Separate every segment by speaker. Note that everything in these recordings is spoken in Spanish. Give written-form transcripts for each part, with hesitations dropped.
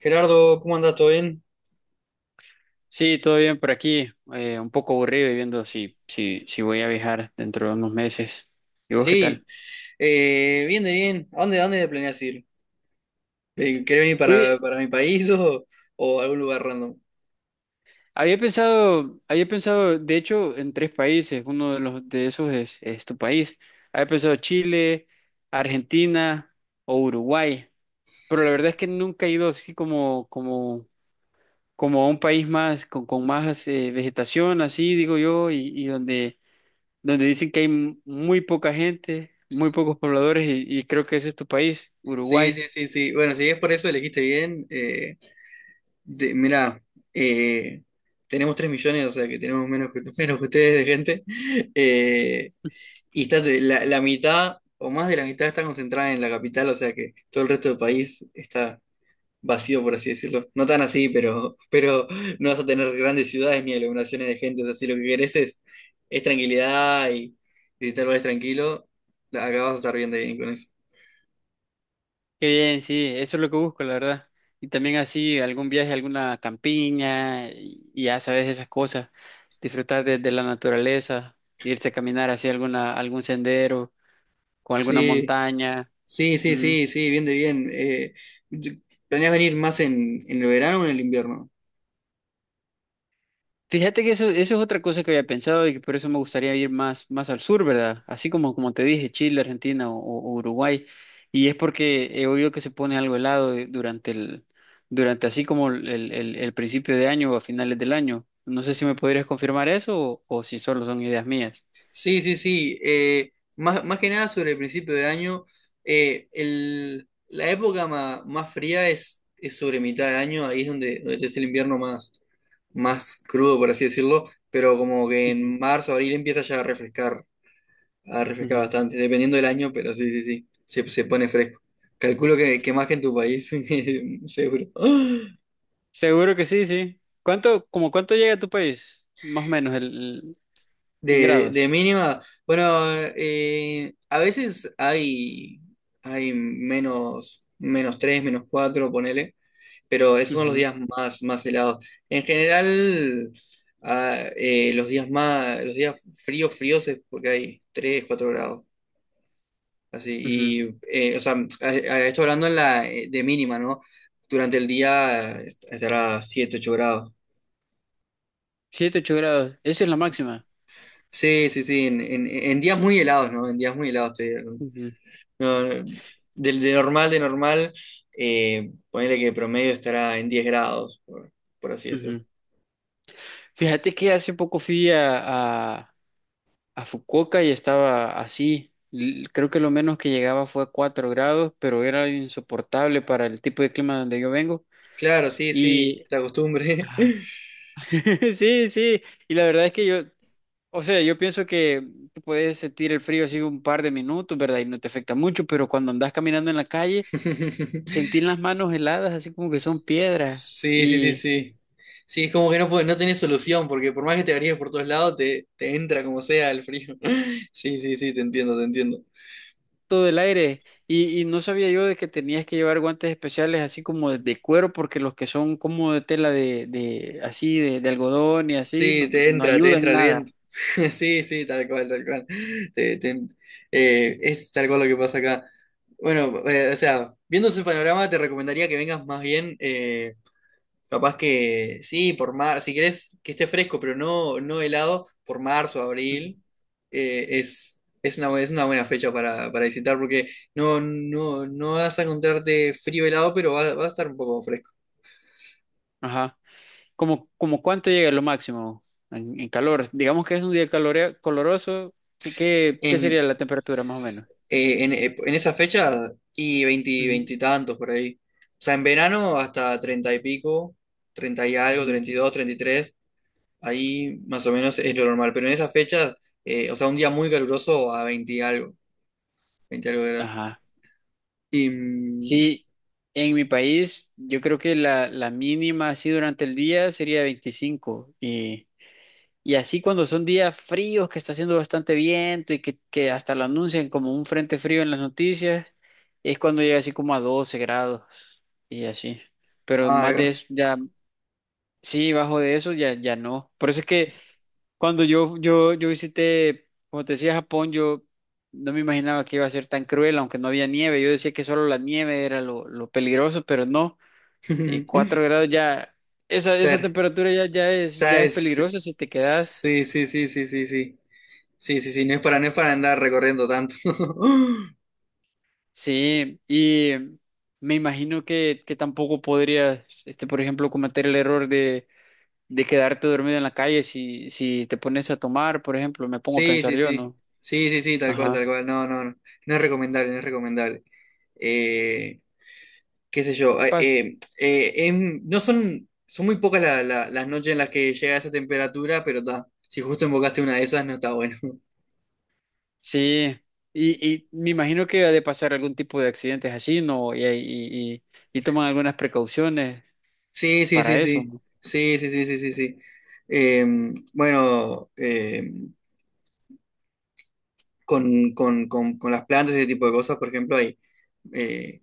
Speaker 1: Gerardo, ¿cómo andás? ¿Todo bien?
Speaker 2: Sí, todo bien por aquí. Un poco aburrido y viendo si voy a viajar dentro de unos meses. ¿Y vos qué tal?
Speaker 1: Sí, bien de bien. ¿A dónde planeas ir? ¿Querés venir para,
Speaker 2: Oye,
Speaker 1: para mi país o algún lugar random?
Speaker 2: había pensado, de hecho, en tres países. Uno de los de esos es tu país. Había pensado Chile, Argentina o Uruguay. Pero la verdad es que nunca he ido así como a un país más, con más vegetación, así digo yo, y donde dicen que hay muy poca gente, muy pocos pobladores y creo que ese es tu país,
Speaker 1: Sí, sí,
Speaker 2: Uruguay.
Speaker 1: sí, sí. Bueno, si es por eso elegiste bien, mirá, eh, tenemos 3 millones, o sea que tenemos menos que, menos que ustedes de gente. Eh, y la mitad o más de la mitad está concentrada en la capital, o sea que todo el resto del país está vacío, por así decirlo. No tan así, pero no vas a tener grandes ciudades ni aglomeraciones de gente. O sea, si lo que querés es tranquilidad y visitar lugares tranquilo, acá vas a estar bien de bien con eso.
Speaker 2: Qué bien, sí, eso es lo que busco, la verdad. Y también así algún viaje a alguna campiña y ya sabes esas cosas, disfrutar de la naturaleza, irse a caminar hacia algún sendero, con alguna
Speaker 1: Sí,
Speaker 2: montaña.
Speaker 1: sí, sí,
Speaker 2: Mm.
Speaker 1: sí, sí, bien de bien. ¿Planeas venir más en el verano o en el invierno?
Speaker 2: Fíjate que eso es otra cosa que había pensado y que por eso me gustaría ir más al sur, ¿verdad? Así como te dije, Chile, Argentina o Uruguay. Y es porque he oído que se pone algo helado durante así como principio de año o a finales del año. No sé si me podrías confirmar eso o si solo son ideas mías.
Speaker 1: Sí, sí, sí. Más que nada sobre el principio de año, la época más fría es sobre mitad de año, ahí es donde, donde es el invierno más. Más crudo, por así decirlo, pero como que
Speaker 2: Ujú,
Speaker 1: en marzo, abril empieza ya a refrescar
Speaker 2: ujú.
Speaker 1: bastante, dependiendo del año, pero sí, sí, sí, se pone fresco. Calculo que más que en tu país, seguro.
Speaker 2: Seguro que sí, sí. ¿ Como cuánto llega a tu país? Más o menos el- En
Speaker 1: De
Speaker 2: grados.
Speaker 1: mínima, bueno, a veces hay menos 3 menos 4 ponele, pero esos son los
Speaker 2: Ujú,
Speaker 1: días más helados. En general, los días fríos es porque hay 3 4 grados. Así,
Speaker 2: ujú.
Speaker 1: o sea, a esto hablando en de mínima, ¿no? Durante el día estará 7 8 grados.
Speaker 2: 7, 8 grados. Esa es la máxima.
Speaker 1: Sí, sí, sí, en días muy helados, ¿no? En días muy helados, te digo.
Speaker 2: Ujú,
Speaker 1: No, no, de normal, de normal, ponele que promedio estará en 10 grados, por así decirlo.
Speaker 2: ujú. Fíjate que hace poco fui a Fukuoka y estaba así. Creo que lo menos que llegaba fue a 4 grados, pero era insoportable para el tipo de clima donde yo vengo.
Speaker 1: Claro, sí, sí,
Speaker 2: Y
Speaker 1: la costumbre.
Speaker 2: ah, sí, sí, y la verdad es que yo, o sea, yo pienso que tú puedes sentir el frío así un par de minutos, ¿verdad? Y no te afecta mucho, pero cuando andas caminando en la calle, sentir las manos heladas, así como que son piedras.
Speaker 1: Sí, sí, sí,
Speaker 2: Y
Speaker 1: sí. Sí, es como que no, no tenés solución, porque por más que te varíes por todos lados, te entra como sea el frío. Sí, sí, sí, te entiendo, te entiendo.
Speaker 2: todo del aire. Y no sabía yo de que tenías que llevar guantes especiales así como de cuero, porque los que son como de tela de algodón y así,
Speaker 1: Sí, te
Speaker 2: no
Speaker 1: entra, te
Speaker 2: ayudan
Speaker 1: entra el
Speaker 2: nada.
Speaker 1: viento. Sí, sí, tal cual, tal cual. Te- te- es tal cual lo que pasa acá. Bueno, o sea, viendo ese panorama, te recomendaría que vengas más bien. Capaz que sí, por mar, si querés que esté fresco, pero no, no helado, por marzo,
Speaker 2: Ujú.
Speaker 1: abril, es una buena fecha para visitar porque no vas a encontrarte frío helado, pero va a estar un poco fresco.
Speaker 2: Ajá. ¿Como cuánto llega lo máximo en calor? Digamos que es un día coloroso, ¿qué
Speaker 1: En,
Speaker 2: sería la temperatura más o menos?
Speaker 1: en esa fecha, y veinte
Speaker 2: Ujú,
Speaker 1: veinte y tantos por ahí. O sea, en verano hasta 30 y pico, 30 y algo,
Speaker 2: ujú.
Speaker 1: treinta y dos treinta y tres ahí más o menos es lo normal. Pero en esa fecha, o sea, un día muy caluroso a 20 y algo, 20 y algo.
Speaker 2: Ajá.
Speaker 1: Y... mm,
Speaker 2: Sí, en mi país yo creo que la mínima así durante el día sería 25 y... Y así cuando son días fríos, que está haciendo bastante viento y que hasta lo anuncian como un frente frío en las noticias, es cuando llega así como a 12 grados y así. Pero
Speaker 1: Ay,
Speaker 2: más de
Speaker 1: va.
Speaker 2: eso, ya, sí, bajo de eso ya, ya no. Por eso es que cuando yo visité, como te decía, Japón, yo no me imaginaba que iba a ser tan cruel, aunque no había nieve. Yo decía que solo la nieve era lo peligroso, pero no. 4 grados ya, esa
Speaker 1: Ser.
Speaker 2: temperatura ya es
Speaker 1: ¿Sabes?
Speaker 2: peligrosa si te quedas.
Speaker 1: Sí, sí, sí, sí, sí, sí. Sí, sí, sí, no es para andar recorriendo tanto.
Speaker 2: Sí, y me imagino que tampoco podrías, este, por ejemplo, cometer el error de quedarte dormido en la calle si te pones a tomar, por ejemplo, me pongo a
Speaker 1: Sí,
Speaker 2: pensar
Speaker 1: sí,
Speaker 2: yo,
Speaker 1: sí.
Speaker 2: ¿no?
Speaker 1: Sí, sí, sí, tal cual,
Speaker 2: Ajá.
Speaker 1: tal cual. No, no, no. No es recomendable, no es recomendable. Eh, Qué sé yo.
Speaker 2: Paz.
Speaker 1: No son muy pocas las noches en las que llega esa temperatura, pero ta, si justo invocaste una de esas, no está bueno.
Speaker 2: Sí, y me imagino que ha de pasar algún tipo de accidentes así, ¿no? Y toman algunas precauciones
Speaker 1: Sí, sí, sí,
Speaker 2: para eso,
Speaker 1: sí.
Speaker 2: ¿no?
Speaker 1: Sí, sí, sí, sí, sí, sí. Eh, bueno, con las plantas y ese tipo de cosas, por ejemplo, hay eh,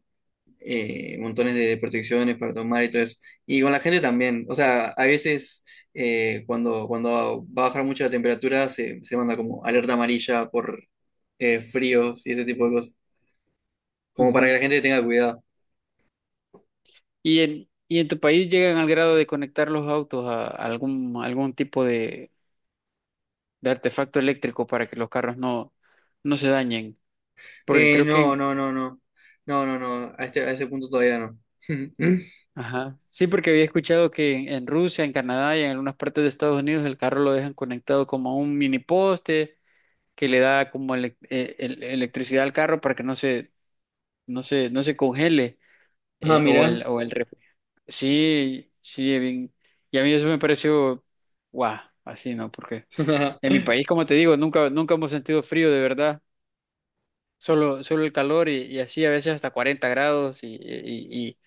Speaker 1: montones de protecciones para tomar y todo eso. Y con la gente también. O sea, a veces cuando va a bajar mucho la temperatura se manda como alerta amarilla por fríos y ese tipo de cosas. Como para que
Speaker 2: Ujú.
Speaker 1: la gente tenga cuidado.
Speaker 2: ¿Y en tu país llegan al grado de conectar los autos a algún tipo de artefacto eléctrico para que los carros no se dañen. Porque creo que,
Speaker 1: No, no, no, no. No, no, no. A ese punto todavía no.
Speaker 2: ajá, sí, porque había escuchado que en Rusia, en Canadá y en algunas partes de Estados Unidos el carro lo dejan conectado como a un mini poste que le da como electricidad al carro para que no se congele
Speaker 1: Ah,
Speaker 2: eh, o
Speaker 1: mira.
Speaker 2: el, o el ref- Sí, sí, bien. Y a mí eso me pareció, guau, así, ¿no? Porque en mi país, como te digo, nunca hemos sentido frío de verdad. Solo el calor y así a veces hasta 40 grados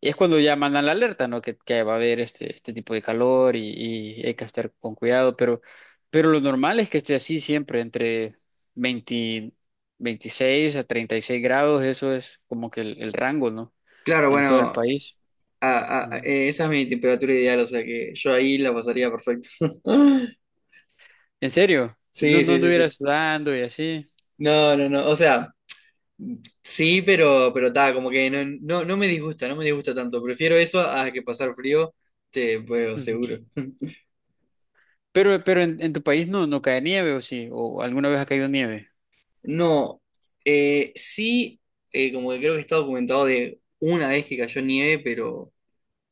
Speaker 2: y es cuando ya mandan la alerta, ¿no? Que va a haber este tipo de calor y hay que estar con cuidado, pero lo normal es que esté así siempre, entre 20 26 a 36 grados, eso es como que el rango, ¿no?
Speaker 1: Claro,
Speaker 2: En todo el
Speaker 1: bueno,
Speaker 2: país. Ujú.
Speaker 1: esa es mi temperatura ideal, o sea que yo ahí la pasaría perfecto.
Speaker 2: ¿En serio?
Speaker 1: Sí,
Speaker 2: No
Speaker 1: sí, sí,
Speaker 2: anduviera
Speaker 1: sí.
Speaker 2: sudando y así.
Speaker 1: No, no, no, o sea, sí, pero está, como que no, no me disgusta, no me disgusta tanto. Prefiero eso a que pasar frío, pero
Speaker 2: Ujú.
Speaker 1: seguro.
Speaker 2: Pero en tu país no cae nieve o sí, o alguna vez ha caído nieve.
Speaker 1: No, sí, como que creo que está documentado de una vez que cayó nieve, pero,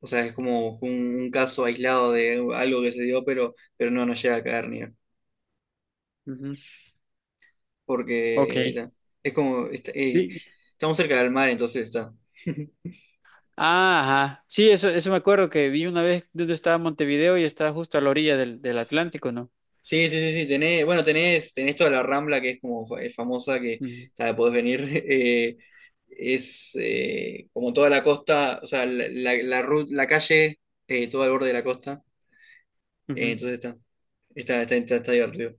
Speaker 1: o sea, es como un caso aislado de algo que se dio, pero no llega a caer nieve.
Speaker 2: Ujú.
Speaker 1: Porque
Speaker 2: Ok.
Speaker 1: la- es como, est-
Speaker 2: Sí,
Speaker 1: Estamos cerca del mar, entonces está.
Speaker 2: ah, ajá. Sí, eso me acuerdo que vi una vez donde estaba Montevideo y estaba justo a la orilla del Atlántico, ¿no?
Speaker 1: Sí, sí, sí, sí, bueno, tenés toda la Rambla que es como es famosa, que
Speaker 2: Ujú,
Speaker 1: está, podés venir, es como toda la costa, o sea, la la calle, todo al borde de la costa,
Speaker 2: ujú.
Speaker 1: entonces está divertido.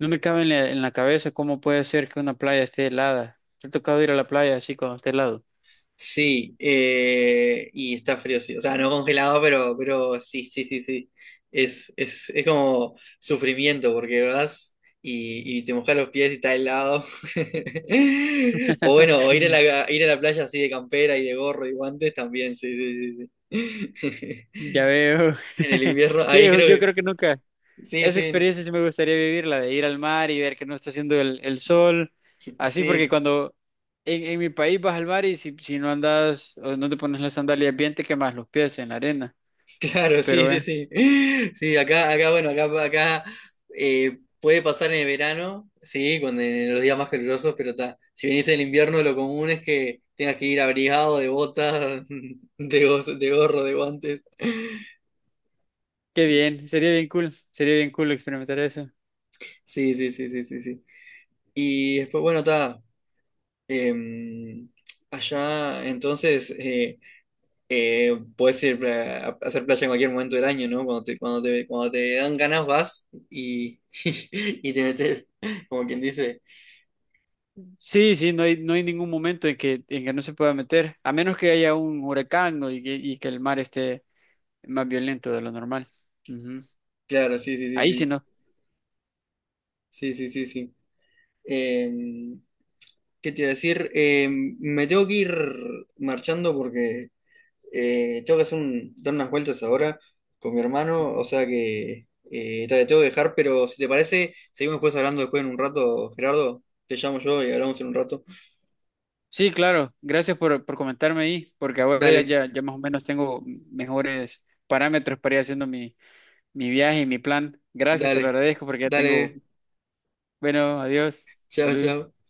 Speaker 2: No me cabe en la cabeza cómo puede ser que una playa esté helada. Te ha tocado ir a la playa así cuando esté helado.
Speaker 1: Sí, y está frío, sí. O sea, no congelado, pero sí, sí, sí, sí. Es como sufrimiento porque vas y te mojas los pies y está helado. O bueno, o ir a la playa así de campera y de gorro y guantes también, sí, sí, sí, sí.
Speaker 2: Ya veo.
Speaker 1: En el invierno,
Speaker 2: Sí,
Speaker 1: ahí creo
Speaker 2: yo
Speaker 1: que.
Speaker 2: creo que nunca.
Speaker 1: Sí,
Speaker 2: Esa
Speaker 1: sí,
Speaker 2: experiencia sí me gustaría vivirla, de ir al mar y ver que no está haciendo el sol. Así porque
Speaker 1: sí.
Speaker 2: cuando en mi país vas al mar y si no andas o no te pones las sandalias bien, te quemas los pies en la arena.
Speaker 1: Claro,
Speaker 2: Pero
Speaker 1: sí, sí,
Speaker 2: bueno.
Speaker 1: sí. Sí, bueno, acá puede pasar en el verano, sí, cuando en los días más calurosos, pero ta, si venís en el invierno, lo común es que tengas que ir abrigado de botas, de gorro, de guantes.
Speaker 2: Qué bien, sería bien cool experimentar eso.
Speaker 1: Sí, sí, sí, sí, sí, sí. Y después, bueno, está. Allá, entonces, puedes ir a hacer playa en cualquier momento del año, ¿no? Cuando te dan ganas vas y te metes, como quien dice.
Speaker 2: Sí, sí, no hay ningún momento en que no se pueda meter, a menos que haya un huracán o y que el mar esté más violento de lo normal. Ujú.
Speaker 1: Claro, sí, sí, sí,
Speaker 2: Ahí sí
Speaker 1: sí.
Speaker 2: no.
Speaker 1: Sí, sí, sí, sí. Em, ¿Qué te iba a decir? Me tengo que ir marchando porque tengo que hacer dar unas vueltas ahora con mi hermano, o
Speaker 2: Ujú.
Speaker 1: sea que te tengo que dejar, pero si te parece, seguimos después hablando después en un rato, Gerardo. Te llamo yo y hablamos en un rato.
Speaker 2: Sí, claro, gracias por comentarme ahí, porque ahora
Speaker 1: Dale,
Speaker 2: ya más o menos tengo mejores parámetros para ir haciendo mi viaje y mi plan. Gracias, te lo
Speaker 1: dale,
Speaker 2: agradezco porque ya tengo,
Speaker 1: dale.
Speaker 2: bueno, adiós,
Speaker 1: Chao,
Speaker 2: salud.
Speaker 1: chao.